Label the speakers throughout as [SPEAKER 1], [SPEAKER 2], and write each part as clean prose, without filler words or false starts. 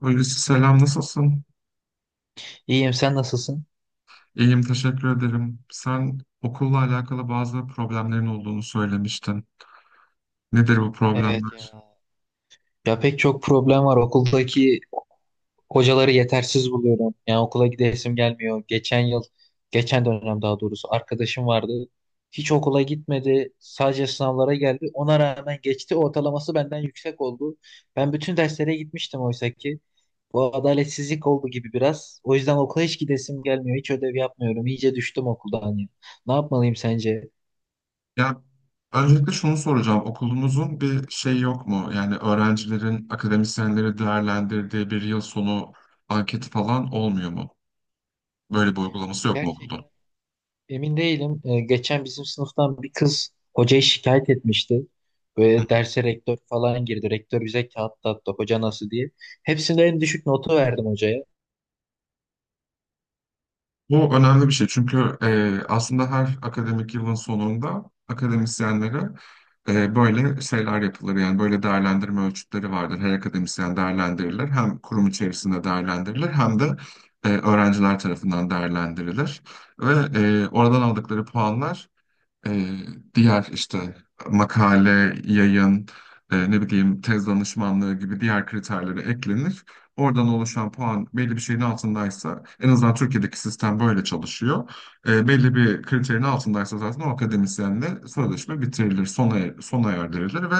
[SPEAKER 1] Hulusi selam nasılsın?
[SPEAKER 2] İyiyim, sen nasılsın?
[SPEAKER 1] İyiyim teşekkür ederim. Sen okulla alakalı bazı problemlerin olduğunu söylemiştin. Nedir bu
[SPEAKER 2] Evet ya.
[SPEAKER 1] problemler?
[SPEAKER 2] Ya pek çok problem var. Okuldaki hocaları yetersiz buluyorum. Yani okula gidesim gelmiyor. Geçen yıl, geçen dönem daha doğrusu arkadaşım vardı. Hiç okula gitmedi. Sadece sınavlara geldi. Ona rağmen geçti. Ortalaması benden yüksek oldu. Ben bütün derslere gitmiştim oysa ki. Bu adaletsizlik oldu gibi biraz. O yüzden okula hiç gidesim gelmiyor. Hiç ödev yapmıyorum. İyice düştüm okuldan ya. Ne yapmalıyım sence?
[SPEAKER 1] Ya öncelikle şunu soracağım. Okulunuzun bir şey yok mu? Yani öğrencilerin akademisyenleri değerlendirdiği bir yıl sonu anketi falan olmuyor mu? Böyle bir uygulaması yok mu okulda?
[SPEAKER 2] Gerçekten. Emin değilim. Geçen bizim sınıftan bir kız hocayı şikayet etmişti. Böyle derse rektör falan girdi. Rektör bize kağıt dağıttı hoca nasıl diye. Hepsinde en düşük notu verdim hocaya.
[SPEAKER 1] Bu önemli bir şey çünkü aslında her akademik yılın sonunda akademisyenlere böyle şeyler yapılır. Yani böyle değerlendirme ölçütleri vardır. Her akademisyen değerlendirilir. Hem kurum içerisinde değerlendirilir hem de öğrenciler tarafından değerlendirilir. Ve oradan aldıkları puanlar e, diğer işte makale, yayın, ne bileyim tez danışmanlığı gibi diğer kriterlere eklenir. Oradan oluşan puan belli bir şeyin altındaysa, en azından Türkiye'deki sistem böyle çalışıyor. Belli bir kriterin altındaysa zaten o akademisyenle sözleşme bitirilir, sona erdirilir ve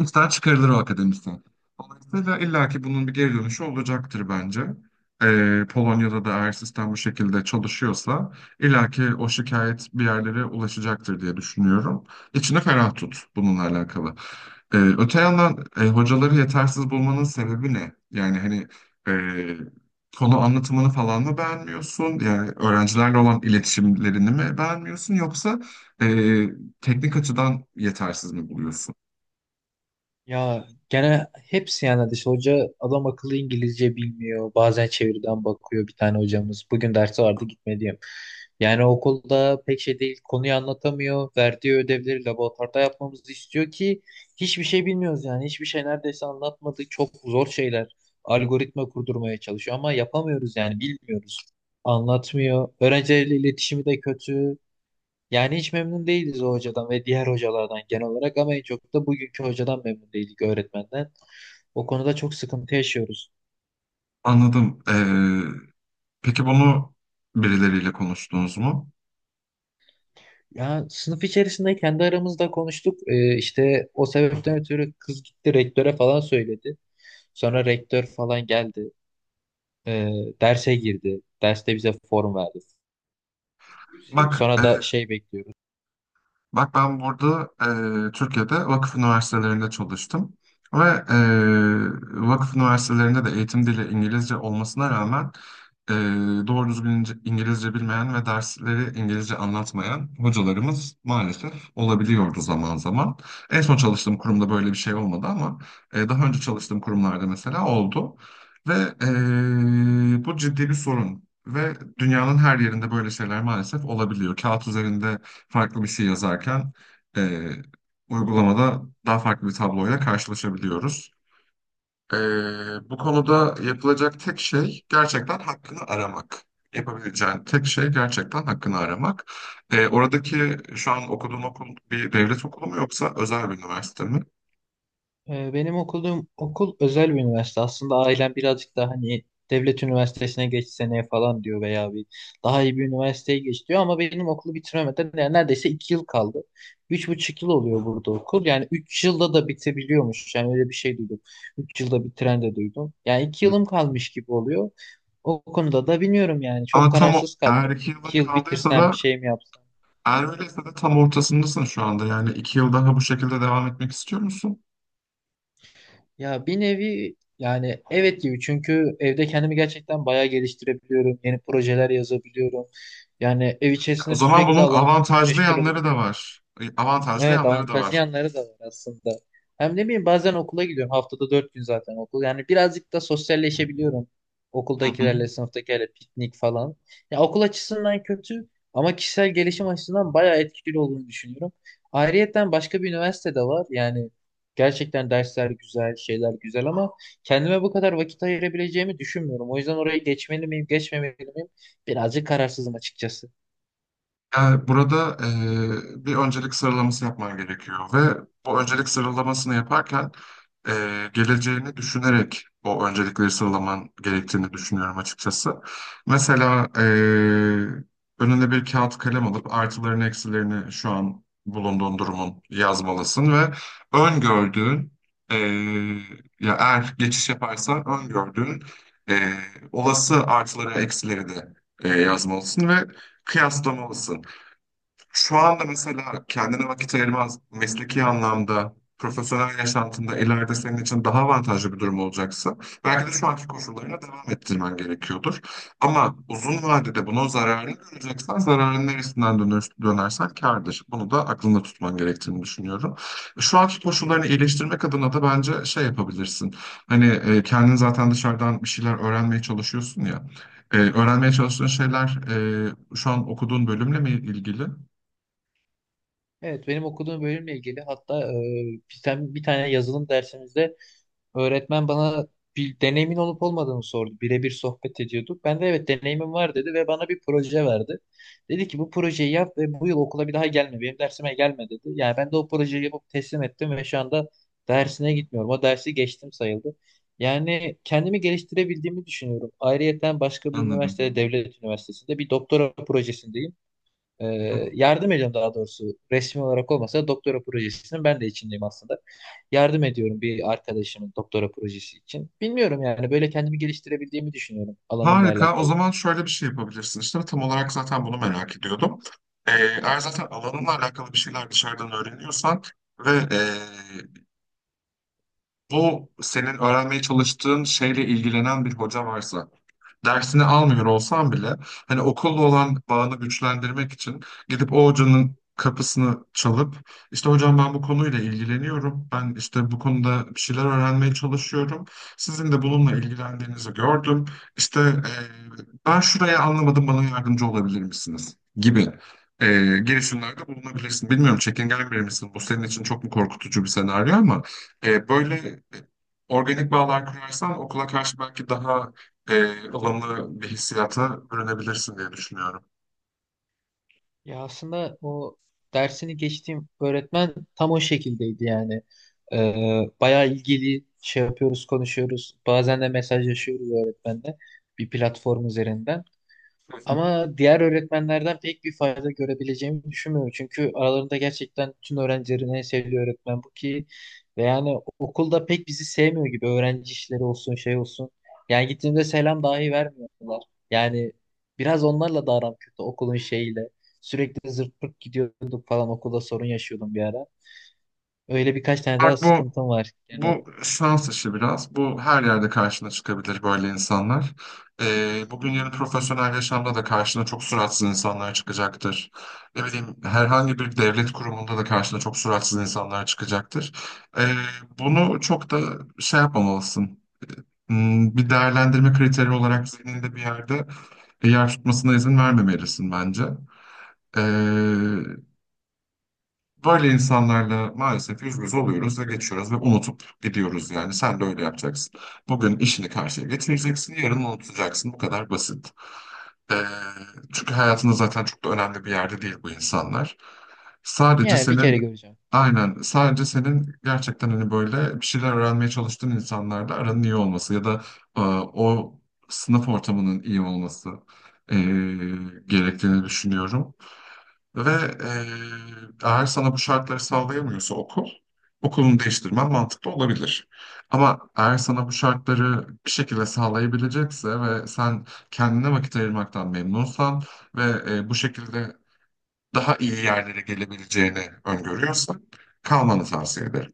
[SPEAKER 1] İşten çıkarılır o akademisyen. Dolayısıyla illaki bunun bir geri dönüşü olacaktır bence. Polonya'da da eğer sistem bu şekilde çalışıyorsa illaki o şikayet bir yerlere ulaşacaktır diye düşünüyorum. İçini ferah tut bununla alakalı. Öte yandan hocaları yetersiz bulmanın sebebi ne? Yani hani e, konu anlatımını falan mı beğenmiyorsun? Yani öğrencilerle olan iletişimlerini mi beğenmiyorsun? Yoksa e, teknik açıdan yetersiz mi buluyorsun?
[SPEAKER 2] Ya gene hepsi yani dış hoca adam akıllı İngilizce bilmiyor. Bazen çeviriden bakıyor bir tane hocamız. Bugün dersi vardı gitme diyeyim. Yani okulda pek şey değil. Konuyu anlatamıyor. Verdiği ödevleri laboratuvarda yapmamızı istiyor ki hiçbir şey bilmiyoruz yani. Hiçbir şey neredeyse anlatmadı. Çok zor şeyler. Algoritma kurdurmaya çalışıyor ama yapamıyoruz yani bilmiyoruz. Anlatmıyor. Öğrencilerle iletişimi de kötü. Yani hiç memnun değiliz o hocadan ve diğer hocalardan genel olarak ama en çok da bugünkü hocadan memnun değildik öğretmenden. O konuda çok sıkıntı yaşıyoruz.
[SPEAKER 1] Anladım. Peki bunu birileriyle konuştunuz mu?
[SPEAKER 2] Ya sınıf içerisinde kendi aramızda konuştuk. İşte o sebepten ötürü kız gitti rektöre falan söyledi. Sonra rektör falan geldi. Ee, Derse girdi. Derste bize form verdi.
[SPEAKER 1] Bak, e,
[SPEAKER 2] Sonra da şey bekliyoruz.
[SPEAKER 1] Bak ben burada Türkiye'de vakıf üniversitelerinde çalıştım ve vakıf üniversitelerinde de eğitim dili İngilizce olmasına rağmen e, doğru düzgün İngilizce bilmeyen ve dersleri İngilizce anlatmayan hocalarımız maalesef olabiliyordu zaman zaman. En son çalıştığım kurumda böyle bir şey olmadı ama daha önce çalıştığım kurumlarda mesela oldu ve bu ciddi bir sorun. Ve dünyanın her yerinde böyle şeyler maalesef olabiliyor. Kağıt üzerinde farklı bir şey yazarken e, uygulamada daha farklı bir tabloyla karşılaşabiliyoruz. E, Bu konuda yapılacak tek şey gerçekten hakkını aramak. Yapabileceğin tek şey gerçekten hakkını aramak. Oradaki şu an okuduğun okul bir devlet okulu mu yoksa özel bir üniversite mi?
[SPEAKER 2] Benim okuduğum okul özel bir üniversite. Aslında ailem birazcık daha hani devlet üniversitesine geç seneye falan diyor veya bir daha iyi bir üniversiteye geç diyor ama benim okulu bitiremeden yani neredeyse 2 yıl kaldı. 3,5 yıl oluyor burada okul. Yani 3 yılda da bitebiliyormuş. Yani öyle bir şey duydum. 3 yılda bitiren de duydum. Yani iki
[SPEAKER 1] Hı.
[SPEAKER 2] yılım kalmış gibi oluyor. O konuda da bilmiyorum yani. Çok
[SPEAKER 1] Ama tam o,
[SPEAKER 2] kararsız kaldım.
[SPEAKER 1] eğer
[SPEAKER 2] Şimdi
[SPEAKER 1] iki yılın
[SPEAKER 2] 2 yıl
[SPEAKER 1] kaldıysa
[SPEAKER 2] bitirsem bir
[SPEAKER 1] da
[SPEAKER 2] şey mi yapsam?
[SPEAKER 1] eğer öyleyse de tam ortasındasın şu anda. Yani iki yıl daha bu şekilde devam etmek istiyor musun?
[SPEAKER 2] Ya bir nevi yani evet gibi çünkü evde kendimi gerçekten bayağı geliştirebiliyorum. Yeni projeler yazabiliyorum. Yani ev
[SPEAKER 1] O
[SPEAKER 2] içerisinde
[SPEAKER 1] zaman
[SPEAKER 2] sürekli
[SPEAKER 1] bunun
[SPEAKER 2] alanımla
[SPEAKER 1] avantajlı
[SPEAKER 2] meşgul
[SPEAKER 1] yanları da
[SPEAKER 2] olabiliyorum.
[SPEAKER 1] var. Avantajlı
[SPEAKER 2] Evet
[SPEAKER 1] yanları da
[SPEAKER 2] avantajlı
[SPEAKER 1] var.
[SPEAKER 2] yanları da var aslında. Hem ne bileyim bazen okula gidiyorum. Haftada 4 gün zaten okul. Yani birazcık da sosyalleşebiliyorum.
[SPEAKER 1] Hı hı.
[SPEAKER 2] Okuldakilerle, sınıftakilerle piknik falan. Ya okul açısından kötü ama kişisel gelişim açısından bayağı etkili olduğunu düşünüyorum. Ayrıyeten başka bir üniversite de var. Yani gerçekten dersler güzel, şeyler güzel ama kendime bu kadar vakit ayırabileceğimi düşünmüyorum. O yüzden oraya geçmeli miyim, geçmemeli miyim? Birazcık kararsızım açıkçası.
[SPEAKER 1] Yani burada bir öncelik sıralaması yapman gerekiyor ve bu öncelik sıralamasını yaparken geleceğini düşünerek o öncelikleri sıralaman gerektiğini düşünüyorum açıkçası. Mesela önüne bir kağıt kalem alıp artılarını eksilerini şu an bulunduğun durumun yazmalısın ve öngördüğün eee ya eğer geçiş yaparsan öngördüğün eee, olası artıları eksileri de yazmalısın ve kıyaslamalısın. Şu anda mesela kendine vakit ayırmaz mesleki anlamda, profesyonel yaşantında ileride senin için daha avantajlı bir durum olacaksa belki de şu anki koşullarına devam ettirmen gerekiyordur. Ama uzun vadede bunun zararını göreceksen zararın neresinden dönersen kârdır. Bunu da aklında tutman gerektiğini düşünüyorum. Şu anki koşullarını iyileştirmek adına da bence şey yapabilirsin. Hani kendin zaten dışarıdan bir şeyler öğrenmeye çalışıyorsun ya. Öğrenmeye çalıştığın şeyler şu an okuduğun bölümle mi ilgili?
[SPEAKER 2] Evet, benim okuduğum bölümle ilgili hatta bir tane yazılım dersimizde öğretmen bana bir deneyimin olup olmadığını sordu. Birebir sohbet ediyorduk. Ben de evet deneyimim var dedi ve bana bir proje verdi. Dedi ki bu projeyi yap ve bu yıl okula bir daha gelme. Benim dersime gelme dedi. Yani ben de o projeyi yapıp teslim ettim ve şu anda dersine gitmiyorum. O dersi geçtim sayıldı. Yani kendimi geliştirebildiğimi düşünüyorum. Ayrıyeten başka bir
[SPEAKER 1] Anladım.
[SPEAKER 2] üniversitede, devlet üniversitesinde bir doktora projesindeyim.
[SPEAKER 1] Hı hı.
[SPEAKER 2] Ee, Yardım ediyorum daha doğrusu. Resmi olarak olmasa da doktora projesinin ben de içindeyim aslında. Yardım ediyorum bir arkadaşımın doktora projesi için. Bilmiyorum yani böyle kendimi geliştirebildiğimi düşünüyorum alanımla
[SPEAKER 1] Harika. O
[SPEAKER 2] alakalı.
[SPEAKER 1] zaman şöyle bir şey yapabilirsin. İşte tam olarak zaten bunu merak ediyordum. Eğer zaten alanınla alakalı bir şeyler dışarıdan öğreniyorsan ve bu senin öğrenmeye çalıştığın şeyle ilgilenen bir hoca varsa dersini almıyor olsam bile hani okulla olan bağını güçlendirmek için gidip o hocanın kapısını çalıp işte hocam ben bu konuyla ilgileniyorum. Ben işte bu konuda bir şeyler öğrenmeye çalışıyorum. Sizin de bununla ilgilendiğinizi gördüm. İşte ben şuraya anlamadım, bana yardımcı olabilir misiniz gibi e, girişimlerde bulunabilirsin. Bilmiyorum, çekingen biri misin? Bu senin için çok mu korkutucu bir senaryo, ama böyle organik bağlar kurarsan okula karşı belki daha ılımlı bir hissiyata bürünebilirsin diye düşünüyorum.
[SPEAKER 2] Ya aslında o dersini geçtiğim öğretmen tam o şekildeydi yani. Bayağı ilgili şey yapıyoruz, konuşuyoruz. Bazen de mesajlaşıyoruz öğretmenle bir platform üzerinden.
[SPEAKER 1] Hı hı.
[SPEAKER 2] Ama diğer öğretmenlerden pek bir fayda görebileceğimi düşünmüyorum. Çünkü aralarında gerçekten tüm öğrencilerin en sevdiği öğretmen bu ki ve yani okulda pek bizi sevmiyor gibi öğrenci işleri olsun şey olsun. Yani gittiğimde selam dahi vermiyorlar. Yani biraz onlarla da aram kötü okulun şeyiyle. Sürekli zırt pırt gidiyorduk falan okulda sorun yaşıyordum bir ara. Öyle birkaç tane daha
[SPEAKER 1] Bak, bu
[SPEAKER 2] sıkıntım var genel.
[SPEAKER 1] bu şans işi biraz. Bu her yerde karşına çıkabilir böyle insanlar. Bugün yarın profesyonel yaşamda da karşına çok suratsız insanlar çıkacaktır. Ne bileyim herhangi bir devlet kurumunda da karşına çok suratsız insanlar çıkacaktır. E, Bunu çok da şey yapmamalısın. Bir değerlendirme kriteri olarak zihninde bir yerde yer tutmasına izin vermemelisin bence. Ee, Böyle insanlarla maalesef yüz yüze oluyoruz ve geçiyoruz ve unutup gidiyoruz yani. Sen de öyle yapacaksın. Bugün işini karşıya getireceksin, yarın unutacaksın. Bu kadar basit. Ee, Çünkü hayatında zaten çok da önemli bir yerde değil bu insanlar. Sadece
[SPEAKER 2] Yani bir kere
[SPEAKER 1] senin,
[SPEAKER 2] göreceğim.
[SPEAKER 1] aynen sadece senin gerçekten hani böyle bir şeyler öğrenmeye çalıştığın insanlarla aranın iyi olması ya da o sınıf ortamının iyi olması e, gerektiğini düşünüyorum. Ve eğer sana bu şartları sağlayamıyorsa okul, okulunu değiştirmen mantıklı olabilir. Ama eğer sana bu şartları bir şekilde sağlayabilecekse ve sen kendine vakit ayırmaktan memnunsan ve bu şekilde daha iyi yerlere gelebileceğini öngörüyorsan kalmanı tavsiye ederim.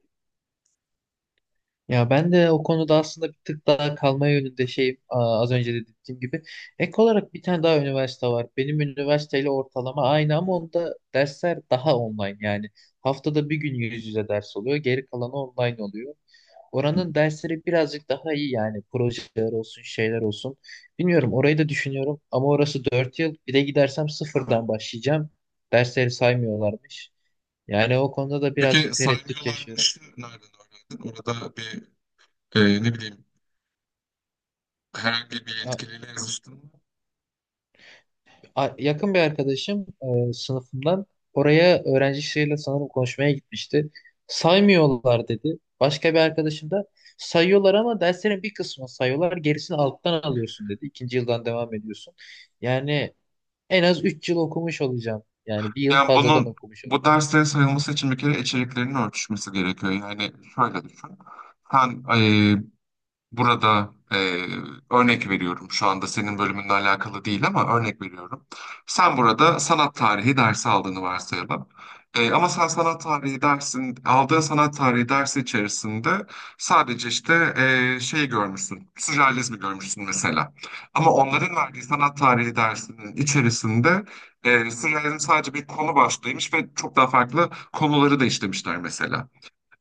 [SPEAKER 2] Ya ben de o konuda aslında bir tık daha kalma yönünde şeyim az önce de dediğim gibi. Ek olarak bir tane daha üniversite var. Benim üniversiteyle ortalama aynı ama onda dersler daha online yani. Haftada bir gün yüz yüze ders oluyor, geri kalanı online oluyor. Oranın dersleri birazcık daha iyi yani projeler olsun, şeyler olsun. Bilmiyorum orayı da düşünüyorum ama orası 4 yıl. Bir de gidersem sıfırdan başlayacağım. Dersleri saymıyorlarmış. Yani o konuda da
[SPEAKER 1] Peki
[SPEAKER 2] birazcık tereddüt yaşıyorum.
[SPEAKER 1] saymıyorlarmışı nereden öğrendin? Orada bir ne bileyim herhangi bir yetkiliyle yazıştın mı?
[SPEAKER 2] Yakın bir arkadaşım sınıfımdan oraya öğrencisiyle sanırım konuşmaya gitmişti. Saymıyorlar dedi. Başka bir arkadaşım da sayıyorlar ama derslerin bir kısmını sayıyorlar. Gerisini alttan alıyorsun dedi. İkinci yıldan devam ediyorsun. Yani en az 3 yıl okumuş olacağım. Yani bir yıl
[SPEAKER 1] Yani
[SPEAKER 2] fazladan
[SPEAKER 1] bunun
[SPEAKER 2] okumuş.
[SPEAKER 1] bu derslere sayılması için bir kere içeriklerinin örtüşmesi gerekiyor. Yani şöyle düşün. Sen burada örnek veriyorum, şu anda senin bölümünle alakalı değil ama örnek veriyorum. Sen burada sanat tarihi dersi aldığını varsayalım. Ama sen sanat tarihi dersin, aldığın sanat tarihi dersi içerisinde sadece işte şey görmüşsün, sürrealizmi görmüşsün mesela. Ama onların verdiği sanat tarihi dersinin içerisinde sürrealizm sadece bir konu başlığıymış ve çok daha farklı konuları da işlemişler mesela.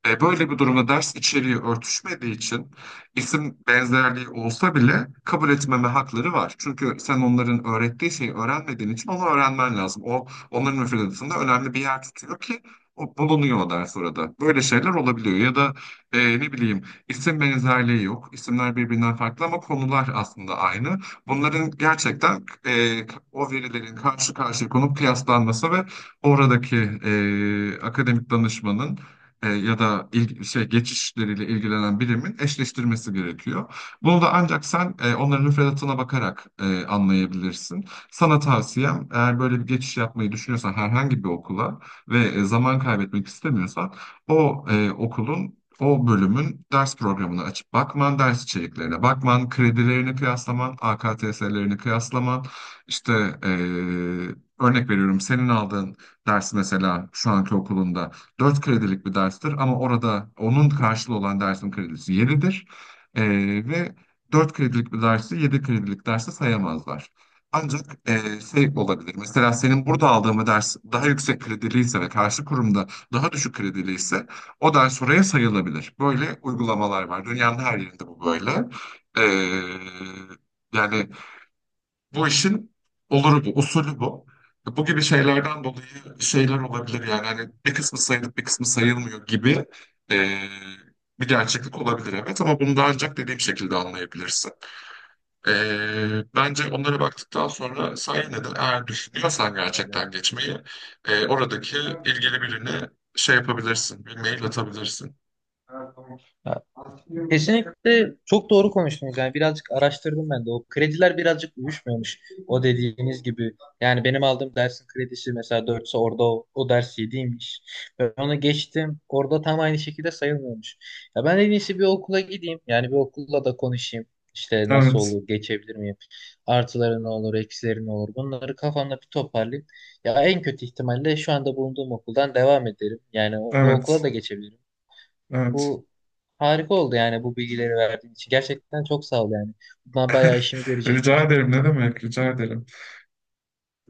[SPEAKER 1] Böyle bir durumda ders içeriği örtüşmediği için isim benzerliği olsa bile kabul etmeme hakları var. Çünkü sen onların öğrettiği şeyi öğrenmediğin için onu öğrenmen lazım. O onların müfredatında önemli bir yer tutuyor ki o bulunuyor o ders orada. Böyle şeyler olabiliyor ya da ne bileyim isim benzerliği yok. İsimler birbirinden farklı ama konular aslında aynı. Bunların gerçekten o verilerin karşı karşıya konup kıyaslanması ve oradaki akademik danışmanın ya da geçişleriyle ilgilenen birimin eşleştirmesi gerekiyor. Bunu da ancak sen onların müfredatına bakarak anlayabilirsin. Sana tavsiyem, eğer böyle bir geçiş yapmayı düşünüyorsan herhangi bir okula ve zaman kaybetmek istemiyorsan o e, okulun o bölümün ders programını açıp bakman, ders içeriklerine bakman, kredilerini kıyaslaman, AKTS'lerini kıyaslaman, işte e, örnek veriyorum, senin aldığın ders mesela şu anki okulunda 4 kredilik bir derstir ama orada onun karşılığı olan dersin kredisi 7'dir. E, ve 4 kredilik bir dersi 7 kredilik derse sayamazlar. Ancak şey olabilir. Mesela senin burada aldığın bir ders daha yüksek krediliyse ve karşı kurumda daha düşük krediliyse o ders oraya sayılabilir. Böyle uygulamalar var. Dünyanın her yerinde bu böyle. E, yani bu işin oluru bu, usulü bu. Bu gibi şeylerden dolayı şeyler olabilir yani hani bir kısmı sayılıp bir kısmı sayılmıyor gibi e, bir gerçeklik olabilir evet, ama bunu da ancak dediğim şekilde anlayabilirsin. E, Bence onlara baktıktan sonra sen yine de eğer düşünüyorsan gerçekten geçmeyi oradaki ilgili birine şey yapabilirsin, bir mail atabilirsin.
[SPEAKER 2] Ya, kesinlikle çok doğru konuştunuz. Yani birazcık araştırdım ben de. O krediler birazcık uyuşmuyormuş. O dediğiniz gibi. Yani benim aldığım dersin kredisi mesela dörtse orada o ders 7'ymiş. Ben onu geçtim. Orada tam aynı şekilde sayılmıyormuş. Ya ben en iyisi bir okula gideyim. Yani bir okulla da konuşayım. İşte nasıl
[SPEAKER 1] Evet,
[SPEAKER 2] olur, geçebilir miyim? Artıları ne olur, eksileri ne olur? Bunları kafamda bir toparlayayım. Ya en kötü ihtimalle şu anda bulunduğum okuldan devam ederim. Yani o okula
[SPEAKER 1] evet,
[SPEAKER 2] da geçebilirim.
[SPEAKER 1] evet.
[SPEAKER 2] Bu harika oldu yani bu bilgileri verdiğin için. Gerçekten çok sağ ol yani. Bundan bayağı işimi
[SPEAKER 1] Rica
[SPEAKER 2] görecektir.
[SPEAKER 1] ederim ne demek, rica ederim.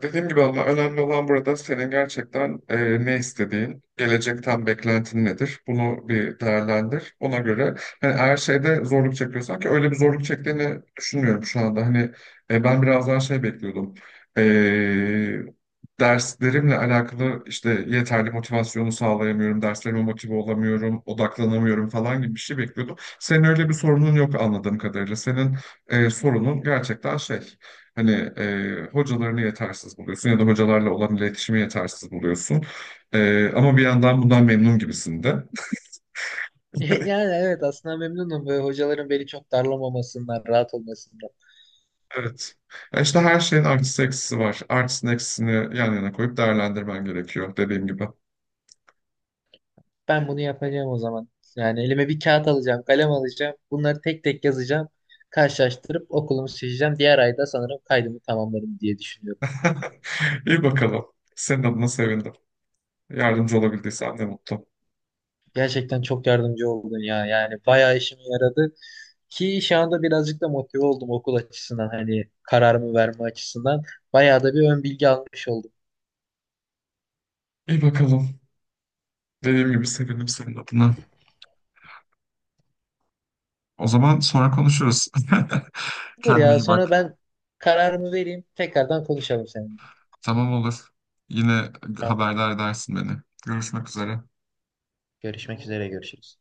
[SPEAKER 1] Dediğim gibi Allah, önemli olan burada senin gerçekten ne istediğin, gelecekten beklentin nedir. Bunu bir değerlendir. Ona göre hani her şeyde zorluk çekiyorsan, ki öyle bir zorluk çektiğini düşünmüyorum şu anda. Hani ben biraz daha şey bekliyordum. E, Derslerimle alakalı işte yeterli motivasyonu sağlayamıyorum, derslerime motive olamıyorum, odaklanamıyorum falan gibi bir şey bekliyordum. Senin öyle bir sorunun yok anladığım kadarıyla. Senin sorunun gerçekten şey. Hani hocalarını yetersiz buluyorsun ya da hocalarla olan iletişimi yetersiz buluyorsun. Ama bir yandan bundan memnun gibisin de.
[SPEAKER 2] Yani evet aslında memnunum ve hocaların beni çok darlamamasından, rahat olmasından.
[SPEAKER 1] Evet. Ya işte her şeyin artısı eksisi var. Artısını eksisini yan yana koyup değerlendirmen gerekiyor dediğim gibi.
[SPEAKER 2] Ben bunu yapacağım o zaman. Yani elime bir kağıt alacağım, kalem alacağım. Bunları tek tek yazacağım. Karşılaştırıp okulumu seçeceğim. Diğer ayda sanırım kaydımı tamamlarım diye düşünüyorum.
[SPEAKER 1] İyi bakalım. Senin adına sevindim. Yardımcı olabildiysem ne mutlu.
[SPEAKER 2] Gerçekten çok yardımcı oldun ya. Yani bayağı işime yaradı. Ki şu anda birazcık da motive oldum okul açısından hani kararımı verme açısından. Bayağı da bir ön bilgi almış oldum.
[SPEAKER 1] İyi bakalım. Dediğim gibi sevindim senin adına. O zaman sonra konuşuruz.
[SPEAKER 2] Olur
[SPEAKER 1] Kendine
[SPEAKER 2] ya
[SPEAKER 1] iyi
[SPEAKER 2] sonra
[SPEAKER 1] bak.
[SPEAKER 2] ben kararımı vereyim tekrardan konuşalım seninle.
[SPEAKER 1] Tamam olur. Yine
[SPEAKER 2] Tamamdır.
[SPEAKER 1] haberdar edersin beni. Görüşmek üzere.
[SPEAKER 2] Görüşmek üzere görüşürüz.